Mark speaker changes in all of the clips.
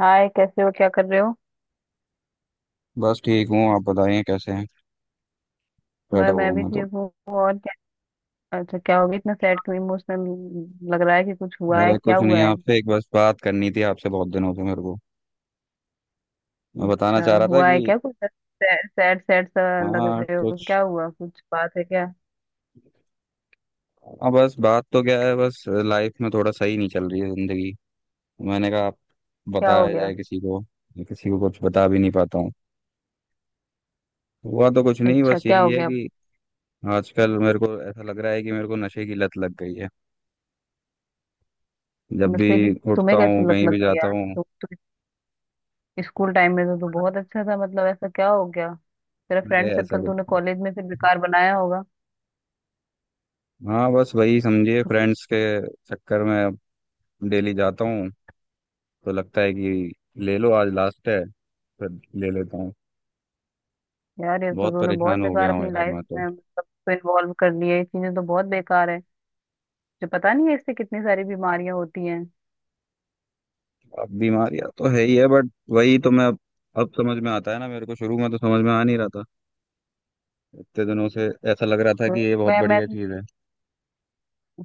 Speaker 1: हाय, कैसे हो? क्या कर रहे हो?
Speaker 2: बस ठीक हूँ। आप बताइए कैसे हैं।
Speaker 1: मैं
Speaker 2: बैठा हुआ
Speaker 1: मैं
Speaker 2: हूँ
Speaker 1: भी
Speaker 2: मैं तो।
Speaker 1: ठीक हूँ। और क्या? अच्छा, क्या हो गया? इतना सैड क्यों? इमोशनल लग रहा है कि कुछ हुआ है।
Speaker 2: अरे
Speaker 1: क्या
Speaker 2: कुछ नहीं,
Speaker 1: हुआ है?
Speaker 2: आपसे एक बस बात करनी थी। आपसे बहुत दिनों से मेरे को मैं बताना
Speaker 1: अच्छा,
Speaker 2: चाह रहा था
Speaker 1: हुआ है
Speaker 2: कि।
Speaker 1: क्या कुछ? सैड सैड सा लग
Speaker 2: हाँ
Speaker 1: रहे हो।
Speaker 2: कुछ।
Speaker 1: क्या हुआ? कुछ बात है क्या?
Speaker 2: हाँ, बस बात तो क्या है, बस लाइफ में थोड़ा सही नहीं चल रही है जिंदगी। मैंने कहा आप।
Speaker 1: क्या हो
Speaker 2: बताया
Speaker 1: गया?
Speaker 2: जाए किसी को, मैं किसी को कुछ बता भी नहीं पाता हूँ। हुआ तो कुछ नहीं,
Speaker 1: अच्छा,
Speaker 2: बस
Speaker 1: क्या
Speaker 2: यही
Speaker 1: हो
Speaker 2: है
Speaker 1: गया?
Speaker 2: कि आजकल मेरे को ऐसा लग रहा है कि मेरे को नशे की लत लग गई है। जब भी
Speaker 1: मतलब कि
Speaker 2: उठता
Speaker 1: तुम्हें
Speaker 2: हूँ,
Speaker 1: कैसे लत
Speaker 2: कहीं
Speaker 1: लग
Speaker 2: भी
Speaker 1: गई
Speaker 2: जाता
Speaker 1: यार?
Speaker 2: हूँ।
Speaker 1: तुम तो स्कूल टाइम में तो तू बहुत अच्छा था। मतलब, ऐसा क्या हो गया? तेरा
Speaker 2: अरे
Speaker 1: फ्रेंड
Speaker 2: ऐसा
Speaker 1: सर्कल तूने
Speaker 2: कुछ।
Speaker 1: कॉलेज में फिर बेकार बनाया होगा।
Speaker 2: हाँ, बस वही समझिए,
Speaker 1: तो कि-
Speaker 2: फ्रेंड्स के चक्कर में डेली जाता हूँ तो लगता है कि ले लो, आज लास्ट है, फिर ले लेता हूँ।
Speaker 1: यार, ये तो
Speaker 2: बहुत
Speaker 1: तूने बहुत
Speaker 2: परेशान हो गया
Speaker 1: बेकार
Speaker 2: हूँ
Speaker 1: अपनी
Speaker 2: यार
Speaker 1: लाइफ
Speaker 2: मैं तो।
Speaker 1: में मतलब इन्वॉल्व कर लिया। ये चीजें तो बहुत बेकार है जो पता नहीं है, इससे कितनी सारी बीमारियां होती हैं।
Speaker 2: अब बीमारियां तो है ही है, बट वही तो मैं अब। अब समझ में आता है ना मेरे को, शुरू में तो समझ में आ नहीं रहा था। इतने दिनों से ऐसा लग रहा था
Speaker 1: तो
Speaker 2: कि ये बहुत
Speaker 1: मैं
Speaker 2: बढ़िया चीज़ है।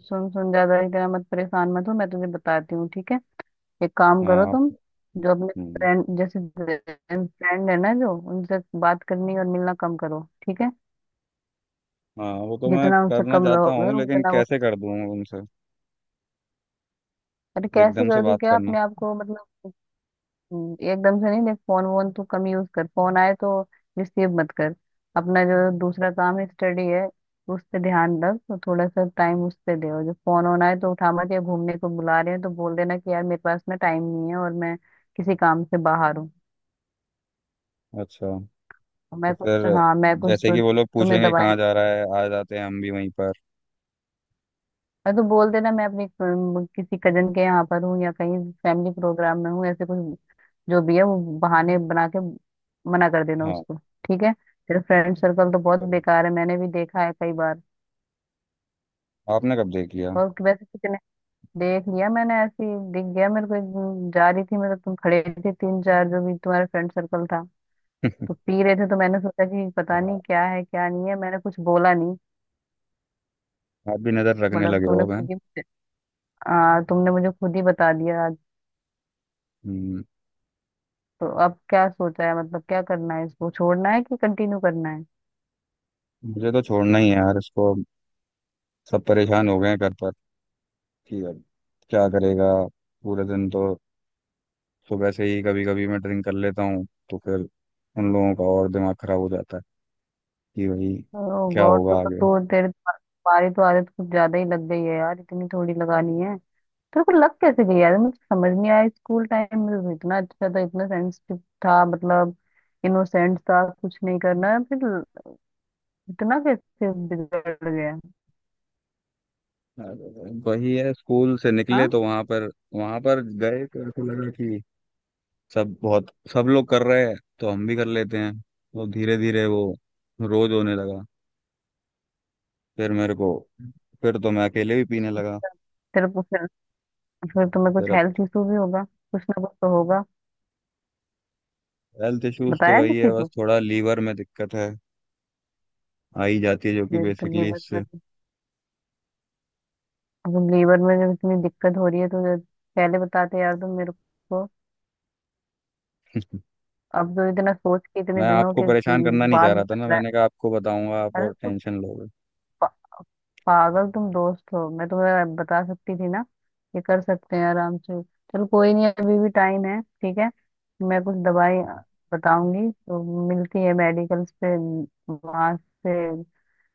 Speaker 1: सुन सुन, ज्यादा इतना मत परेशान मत हो। मैं तुझे बताती हूँ, ठीक है? एक काम करो
Speaker 2: हाँ आप-।
Speaker 1: तुम, जो अपने
Speaker 2: हम्म,
Speaker 1: फ्रेंड जैसे फ्रेंड है ना, जो उनसे बात करनी और मिलना कम करो, ठीक है?
Speaker 2: हाँ वो तो मैं
Speaker 1: जितना उनसे
Speaker 2: करना
Speaker 1: कम
Speaker 2: चाहता
Speaker 1: रहोगे
Speaker 2: हूँ लेकिन
Speaker 1: उतना वो।
Speaker 2: कैसे कर दूँ उनसे
Speaker 1: अरे, कैसे
Speaker 2: एकदम से
Speaker 1: कर दूं
Speaker 2: बात
Speaker 1: क्या
Speaker 2: करना।
Speaker 1: अपने आप को मतलब, एकदम से नहीं। देख, फोन वोन तू कम यूज कर। फोन आए तो रिसीव मत कर। अपना जो दूसरा काम है, स्टडी है, उस पे ध्यान रख। तो थोड़ा सा टाइम उस पे दे, और जो फोन ऑन आए तो उठा मत। या घूमने को बुला रहे हैं तो बोल देना कि यार, मेरे पास ना टाइम नहीं है और मैं किसी काम से बाहर हूँ।
Speaker 2: अच्छा। तो
Speaker 1: मैं कुछ
Speaker 2: फिर
Speaker 1: हाँ, मैं कुछ
Speaker 2: जैसे कि
Speaker 1: तो।
Speaker 2: वो लोग
Speaker 1: तुम्हें
Speaker 2: पूछेंगे
Speaker 1: दवाई,
Speaker 2: कहाँ जा रहा है, आ जाते हैं हम भी वहीं पर।
Speaker 1: और तो बोल देना मैं अपनी किसी कजन के यहाँ पर हूँ, या कहीं फैमिली प्रोग्राम में हूँ, ऐसे कुछ जो भी है वो बहाने बना के मना कर देना
Speaker 2: हाँ,
Speaker 1: उसको। ठीक है? तेरा फ्रेंड
Speaker 2: तो
Speaker 1: सर्कल तो
Speaker 2: मैं
Speaker 1: बहुत
Speaker 2: करूँगा।
Speaker 1: बेकार है, मैंने भी देखा है कई बार।
Speaker 2: आपने कब देख लिया।
Speaker 1: और वैसे कितने, देख लिया मैंने ऐसी। दिख गया मेरे को एक दिन, जा रही थी, मतलब तुम खड़े थे, तीन चार जो भी तुम्हारा फ्रेंड सर्कल था, तो पी रहे थे। तो मैंने सोचा कि पता नहीं क्या है क्या नहीं है, मैंने कुछ बोला नहीं।
Speaker 2: आप भी नज़र रखने
Speaker 1: मतलब
Speaker 2: लगे हो
Speaker 1: तूने
Speaker 2: अब, हैं?
Speaker 1: खुद ही मुझे- हाँ, तुमने मुझे खुद ही बता दिया।
Speaker 2: हम्म,
Speaker 1: तो अब क्या सोचा है? मतलब, क्या करना है, इसको छोड़ना है कि कंटिन्यू करना है?
Speaker 2: मुझे तो छोड़ना ही है यार इसको। सब परेशान हो गए हैं घर पर कि अब क्या करेगा। पूरे दिन तो सुबह से ही कभी कभी मैं ड्रिंक कर लेता हूँ तो फिर उन लोगों का और दिमाग खराब हो जाता है कि भाई
Speaker 1: ओ
Speaker 2: क्या
Speaker 1: गॉड,
Speaker 2: होगा आगे।
Speaker 1: तो तेरे तो तुम्हारी तो आदत कुछ ज्यादा ही लग गई है यार। इतनी थोड़ी लगानी है। तेरे को लग कैसे गई यार? मुझे समझ नहीं आया, स्कूल टाइम में तो इतना अच्छा था, इतना सेंसिटिव था, मतलब इनोसेंट था, कुछ नहीं करना। फिर इतना कैसे बिगड़ गया?
Speaker 2: अरे, वही है, स्कूल से निकले
Speaker 1: हाँ।
Speaker 2: तो वहां पर गए तो ऐसा लगा कि सब लोग कर रहे हैं तो हम भी कर लेते हैं, तो धीरे धीरे वो रोज होने लगा। फिर मेरे को फिर तो मैं अकेले भी पीने लगा।
Speaker 1: तेरे को फिर तुम्हें
Speaker 2: फिर
Speaker 1: कुछ
Speaker 2: अब
Speaker 1: हेल्थ इशू भी होगा, कुछ ना कुछ तो होगा।
Speaker 2: हेल्थ इश्यूज तो
Speaker 1: बताया
Speaker 2: वही
Speaker 1: किसी
Speaker 2: है, बस
Speaker 1: को?
Speaker 2: थोड़ा लीवर में दिक्कत है आ ही जाती है जो कि
Speaker 1: ये तो, ये
Speaker 2: बेसिकली
Speaker 1: बस,
Speaker 2: इससे।
Speaker 1: अब लेबर में जब इतनी दिक्कत हो रही है तो जब पहले बताते यार तुम मेरे को। अब तो इतना सोच के, इतने
Speaker 2: मैं
Speaker 1: दिनों
Speaker 2: आपको
Speaker 1: के
Speaker 2: परेशान करना नहीं
Speaker 1: बाद
Speaker 2: चाह रहा था
Speaker 1: बता
Speaker 2: ना,
Speaker 1: रहा
Speaker 2: मैंने कहा आपको बताऊंगा आप
Speaker 1: है। अरे
Speaker 2: और
Speaker 1: तो,
Speaker 2: टेंशन लोगे।
Speaker 1: पा, पागल, तुम दोस्त हो, मैं तुम्हें बता सकती थी ना। ये कर सकते हैं आराम से। चलो, कोई नहीं, अभी भी टाइम है, ठीक है। मैं कुछ दवाई बताऊंगी तो मिलती है मेडिकल पे, वहां से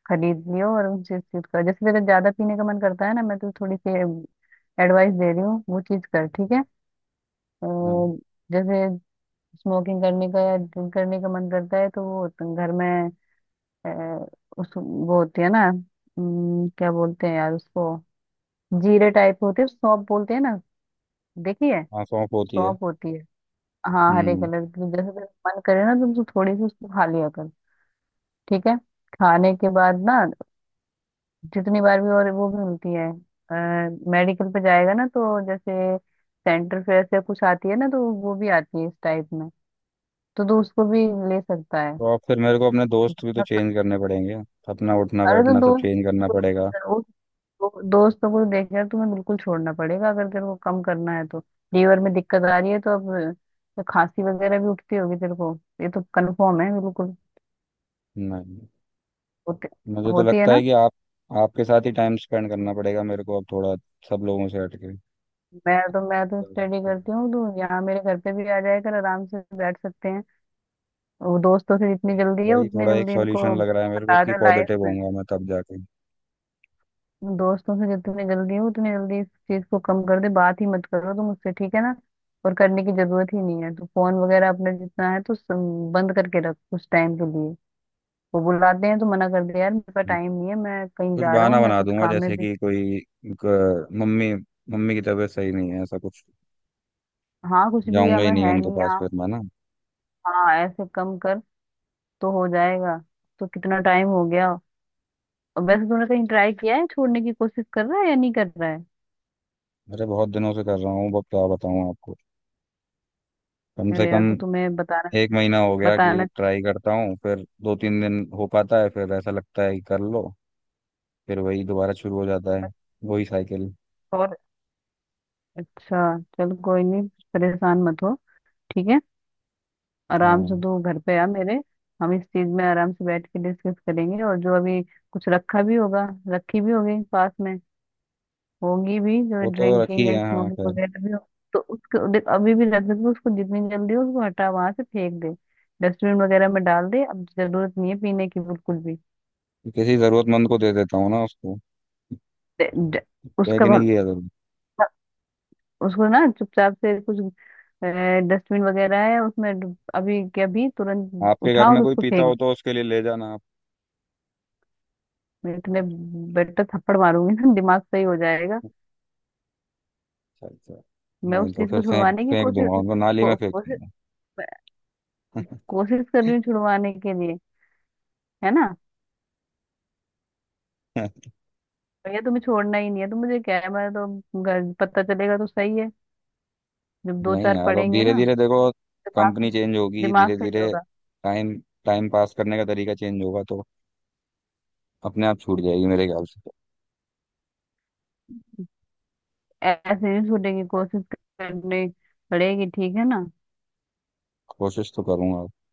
Speaker 1: खरीद लियो और उनसे चीज कर। जैसे तेरा ज्यादा पीने का मन करता है ना, मैं तो थोड़ी सी एडवाइस दे रही हूँ, वो चीज कर, ठीक है?
Speaker 2: हाँ।
Speaker 1: और जैसे स्मोकिंग करने का या ड्रिंक करने का मन करता है, तो वो तो घर में, अ, उस, वो होती है ना, क्या बोलते हैं यार उसको, जीरे टाइप होते हैं, सौंफ बोलते हैं ना। देखी है?
Speaker 2: आँख ऑफ होती है।
Speaker 1: सौंफ होती है, हाँ, हरे
Speaker 2: हम्म।
Speaker 1: कलर की। जैसे तेरा मन करे ना, तो तू थोड़ी सी उसको खा लिया कर, ठीक है? खाने के बाद ना, जितनी बार भी। और वो भी मिलती है मेडिकल पे। जाएगा ना तो जैसे सेंटर फेयर से कुछ आती है ना, तो वो भी आती है इस टाइप में, तो तू उसको भी ले सकता है।
Speaker 2: तो आप फिर मेरे को अपने दोस्त भी तो चेंज करने पड़ेंगे, अपना उठना
Speaker 1: अरे तो,
Speaker 2: बैठना सब
Speaker 1: दोस्त
Speaker 2: चेंज करना पड़ेगा।
Speaker 1: दोस्त दो- दोस्तों को देख यार, तुम्हें बिल्कुल छोड़ना पड़ेगा अगर तेरे को कम करना है तो। लीवर में दिक्कत आ रही है तो अब तो खांसी वगैरह भी उठती होगी तेरे को, ये तो कंफर्म है बिल्कुल।
Speaker 2: नहीं,
Speaker 1: होती
Speaker 2: मुझे तो
Speaker 1: होती है
Speaker 2: लगता है
Speaker 1: ना।
Speaker 2: कि आप आपके साथ ही टाइम स्पेंड करना पड़ेगा मेरे को अब थोड़ा, सब लोगों से हटके।
Speaker 1: मैं तो स्टडी करती हूँ, तो यहाँ मेरे घर पे भी आ जाया कर, आराम से बैठ सकते हैं। वो दोस्तों से जितनी
Speaker 2: वही
Speaker 1: जल्दी है
Speaker 2: वही
Speaker 1: उतनी
Speaker 2: थोड़ा एक
Speaker 1: जल्दी इनको
Speaker 2: सॉल्यूशन लग रहा है मेरे को
Speaker 1: हटा
Speaker 2: कि
Speaker 1: दे लाइफ
Speaker 2: पॉजिटिव
Speaker 1: में।
Speaker 2: होऊंगा मैं तब जाके।
Speaker 1: दोस्तों से जितने जल्दी हो उतने जल्दी इस चीज को कम कर दे, बात ही मत करो तुम उससे, ठीक है ना? और करने की जरूरत ही नहीं है। तो फोन वगैरह अपना जितना है तो बंद करके रख कुछ टाइम के लिए। वो बुलाते हैं तो मना कर दे, यार मेरे पास टाइम नहीं है, मैं कहीं
Speaker 2: कुछ
Speaker 1: जा रहा
Speaker 2: बहाना
Speaker 1: हूँ, मैं
Speaker 2: बना
Speaker 1: कुछ
Speaker 2: दूंगा,
Speaker 1: काम में
Speaker 2: जैसे
Speaker 1: भी।
Speaker 2: कि कोई मम्मी मम्मी की तबीयत सही नहीं है ऐसा कुछ।
Speaker 1: हाँ, कुछ भी, या
Speaker 2: जाऊंगा ही
Speaker 1: मैं
Speaker 2: नहीं
Speaker 1: है
Speaker 2: उनके
Speaker 1: नहीं
Speaker 2: पास
Speaker 1: यहाँ,
Speaker 2: फिर मैं ना।
Speaker 1: हाँ, ऐसे कम कर तो हो जाएगा। तो कितना टाइम हो गया? और वैसे तूने कहीं ट्राई किया है, छोड़ने की कोशिश कर रहा है या नहीं कर रहा है?
Speaker 2: अरे बहुत दिनों से कर रहा हूँ, अब क्या बताऊँ आपको। कम से
Speaker 1: अरे
Speaker 2: कम
Speaker 1: यार, तो तुम्हें बताना
Speaker 2: एक महीना हो गया कि
Speaker 1: बताना
Speaker 2: ट्राई करता हूँ, फिर दो तीन दिन हो पाता है, फिर ऐसा लगता है कि कर लो, फिर वही दोबारा शुरू हो जाता है।
Speaker 1: चाहिए।
Speaker 2: वही साइकिल।
Speaker 1: और अच्छा, चलो कोई नहीं, परेशान मत हो, ठीक है? आराम से
Speaker 2: हाँ,
Speaker 1: तू घर पे आ मेरे। हम इस चीज में आराम से बैठ के डिस्कस करेंगे। और जो अभी कुछ रखा भी होगा, रखी भी होगी पास में, होगी भी जो
Speaker 2: वो तो
Speaker 1: ड्रिंकिंग
Speaker 2: रखी
Speaker 1: है,
Speaker 2: है हाँ,
Speaker 1: स्मोकिंग
Speaker 2: खैर।
Speaker 1: वगैरह भी हो, तो उसको देख। अभी भी रख सकते उसको, जितनी जल्दी हो उसको हटा, वहां से फेंक दे, डस्टबिन वगैरह में डाल दे, अब जरूरत नहीं है पीने की बिल्कुल भी।
Speaker 2: किसी जरूरतमंद को दे देता हूँ ना उसको।
Speaker 1: दे- दे-
Speaker 2: है
Speaker 1: उसका
Speaker 2: कि नहीं
Speaker 1: भल-
Speaker 2: किया जरूर।
Speaker 1: उसको ना चुपचाप से, कुछ डस्टबिन वगैरह है उसमें अभी के अभी तुरंत
Speaker 2: आपके घर
Speaker 1: उठा और
Speaker 2: में कोई
Speaker 1: उसको
Speaker 2: पीता हो
Speaker 1: फेंक।
Speaker 2: तो उसके लिए ले जाना।
Speaker 1: मैं इतने
Speaker 2: आप।
Speaker 1: बेटर थप्पड़ मारूंगी ना, दिमाग सही हो जाएगा।
Speaker 2: अच्छा अच्छा।
Speaker 1: मैं
Speaker 2: नहीं
Speaker 1: उस
Speaker 2: तो
Speaker 1: चीज
Speaker 2: फिर
Speaker 1: को
Speaker 2: फेंक
Speaker 1: छुड़वाने की
Speaker 2: फेंक
Speaker 1: कोशिश,
Speaker 2: दूंगा उनको, नाली में
Speaker 1: को,
Speaker 2: फेंक
Speaker 1: कोशिश
Speaker 2: दूंगा।
Speaker 1: कोशिश कर रही हूँ छुड़वाने के लिए, है ना? भैया तुम्हें छोड़ना ही नहीं है तो मुझे क्या है, पता चलेगा तो सही है, जब दो
Speaker 2: नहीं
Speaker 1: चार
Speaker 2: यार, अब
Speaker 1: पढ़ेंगे
Speaker 2: धीरे
Speaker 1: ना,
Speaker 2: धीरे देखो,
Speaker 1: दिमाग
Speaker 2: कंपनी चेंज होगी,
Speaker 1: दिमाग
Speaker 2: धीरे
Speaker 1: सही
Speaker 2: धीरे।
Speaker 1: होगा।
Speaker 2: टाइम टाइम पास करने का तरीका चेंज होगा तो अपने आप छूट जाएगी मेरे ख्याल से।
Speaker 1: ऐसे नहीं छूटेगी, कोशिश करनी पड़ेगी, ठीक है ना?
Speaker 2: कोशिश तो करूंगा,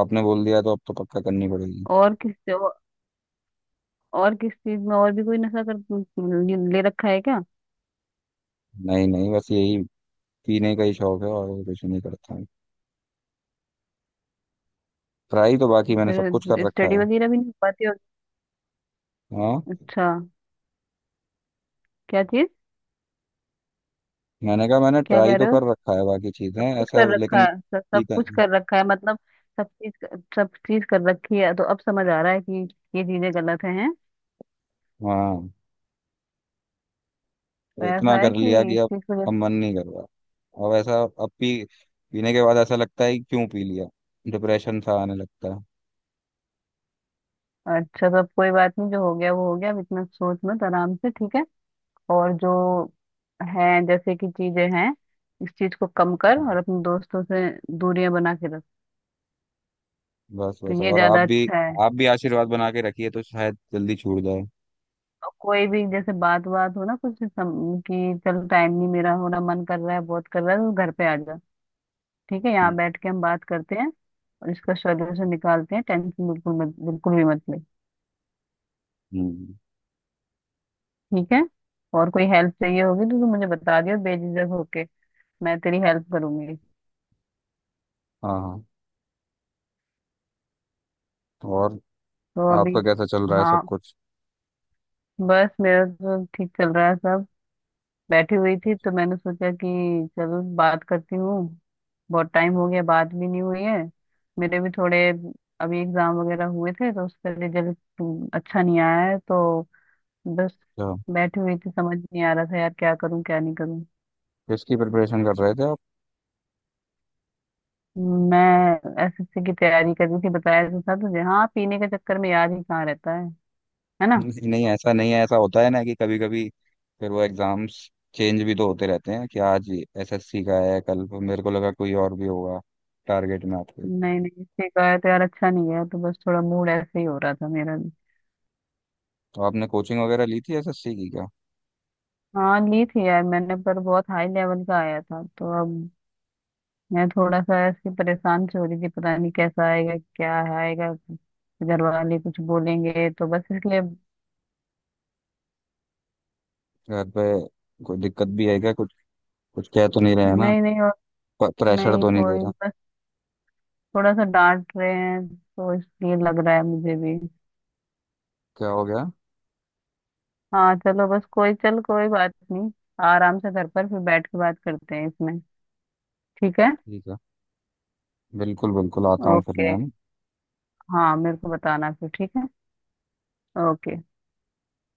Speaker 2: आपने बोल दिया तो अब तो पक्का करनी पड़ेगी।
Speaker 1: और किस और और किस चीज में और भी कोई नशा कर ले ले रखा है क्या?
Speaker 2: नहीं नहीं, बस यही पीने का ही शौक है और कुछ नहीं करता हूँ। ट्राई तो बाकी मैंने सब कुछ कर
Speaker 1: फिर
Speaker 2: रखा
Speaker 1: स्टडी
Speaker 2: है।
Speaker 1: वगैरह भी नहीं हो पाती होगी।
Speaker 2: हाँ,
Speaker 1: अच्छा, क्या चीज?
Speaker 2: मैंने कहा मैंने
Speaker 1: क्या
Speaker 2: ट्राई
Speaker 1: कह
Speaker 2: तो
Speaker 1: रहे हो?
Speaker 2: कर रखा है बाकी चीजें
Speaker 1: सब कुछ
Speaker 2: ऐसा,
Speaker 1: कर रखा
Speaker 2: लेकिन
Speaker 1: है, सब
Speaker 2: पीता
Speaker 1: कुछ
Speaker 2: नहीं।
Speaker 1: कर रखा है मतलब? सब चीज, सब चीज कर रखी है, तो अब समझ आ रहा है कि ये चीजें गलत हैं।
Speaker 2: हाँ,
Speaker 1: तो
Speaker 2: तो इतना
Speaker 1: ऐसा है
Speaker 2: कर
Speaker 1: कि
Speaker 2: लिया कि
Speaker 1: इस चीज को जब-,
Speaker 2: अब मन नहीं कर रहा। अब ऐसा अब पी पीने के बाद ऐसा लगता है कि क्यों पी लिया, डिप्रेशन सा आने लगता है।
Speaker 1: अच्छा, सब कोई बात नहीं, जो हो गया वो हो गया, अब इतना सोच मत, आराम से, ठीक है? और जो है जैसे कि चीजें हैं, इस चीज को कम कर,
Speaker 2: हाँ,
Speaker 1: और अपने दोस्तों से दूरियां बना के रख,
Speaker 2: बस
Speaker 1: तो
Speaker 2: बस।
Speaker 1: ये
Speaker 2: और आप
Speaker 1: ज्यादा
Speaker 2: भी,
Speaker 1: अच्छा है।
Speaker 2: आप भी आशीर्वाद बना के रखिए तो शायद जल्दी छूट जाए।
Speaker 1: और कोई भी जैसे बात बात हो ना, कि चल, टाइम नहीं मेरा हो रहा, मन कर रहा है बहुत कर रहा है, तो घर पे आ जा, ठीक है?
Speaker 2: हम्म।
Speaker 1: यहाँ बैठ के हम बात करते हैं और इसका सोल्यूशन निकालते हैं। टेंशन बिल्कुल मत, बिल्कुल भी मत ले,
Speaker 2: हम्म,
Speaker 1: ठीक है? और कोई हेल्प चाहिए होगी तो तू मुझे बता दियो बेझिझक होके, मैं तेरी हेल्प करूंगी।
Speaker 2: हाँ हाँ। और
Speaker 1: तो अभी,
Speaker 2: आपका कैसा चल रहा है सब
Speaker 1: हाँ,
Speaker 2: कुछ।
Speaker 1: बस मेरा तो ठीक चल रहा है सब। बैठी हुई थी तो मैंने सोचा कि चलो बात करती हूँ, बहुत टाइम हो गया, बात भी नहीं हुई है। मेरे भी थोड़े अभी एग्जाम वगैरह हुए थे, तो उसका रिजल्ट अच्छा नहीं आया है, तो बस
Speaker 2: अच्छा।
Speaker 1: बैठी हुई थी, समझ नहीं आ रहा था यार क्या करूँ क्या नहीं करूँ।
Speaker 2: किसकी प्रिपरेशन कर रहे थे आप।
Speaker 1: मैं एसएससी की तैयारी कर रही थी, बताया तो था तुझे। हाँ, पीने के चक्कर में याद ही कहाँ रहता है ना?
Speaker 2: नहीं नहीं, ऐसा नहीं है, ऐसा होता है ना कि कभी कभी फिर वो एग्जाम्स चेंज भी तो होते रहते हैं कि आज एसएससी का है, कल मेरे को लगा कोई और भी होगा टारगेट में आपके।
Speaker 1: नहीं नहीं, इससे कहा तो यार अच्छा नहीं है, तो बस थोड़ा मूड ऐसे ही हो रहा था मेरा भी।
Speaker 2: तो आपने कोचिंग वगैरह ली थी एसएससी की क्या।
Speaker 1: हाँ ली थी यार मैंने, पर बहुत हाई लेवल का आया था, तो अब मैं थोड़ा सा ऐसी परेशान से हो रही थी, पता नहीं कैसा आएगा क्या आएगा, घर वाले कुछ बोलेंगे, तो बस इसलिए।
Speaker 2: घर पे कोई दिक्कत भी है क्या कुछ, कुछ कह तो नहीं रहे हैं ना,
Speaker 1: नहीं नहीं, और
Speaker 2: प्रेशर
Speaker 1: नहीं
Speaker 2: तो नहीं दे
Speaker 1: कोई,
Speaker 2: रहा।
Speaker 1: बस थोड़ा सा डांट रहे हैं, तो इसलिए लग रहा है मुझे भी।
Speaker 2: क्या हो गया।
Speaker 1: हाँ चलो बस, कोई चल, कोई बात नहीं, आराम से घर पर फिर बैठ के बात करते हैं इसमें, ठीक है?
Speaker 2: ठीक है, बिल्कुल बिल्कुल आता हूँ फिर
Speaker 1: ओके।
Speaker 2: मैं, है ना?
Speaker 1: हाँ मेरे को बताना फिर, ठीक है? ओके।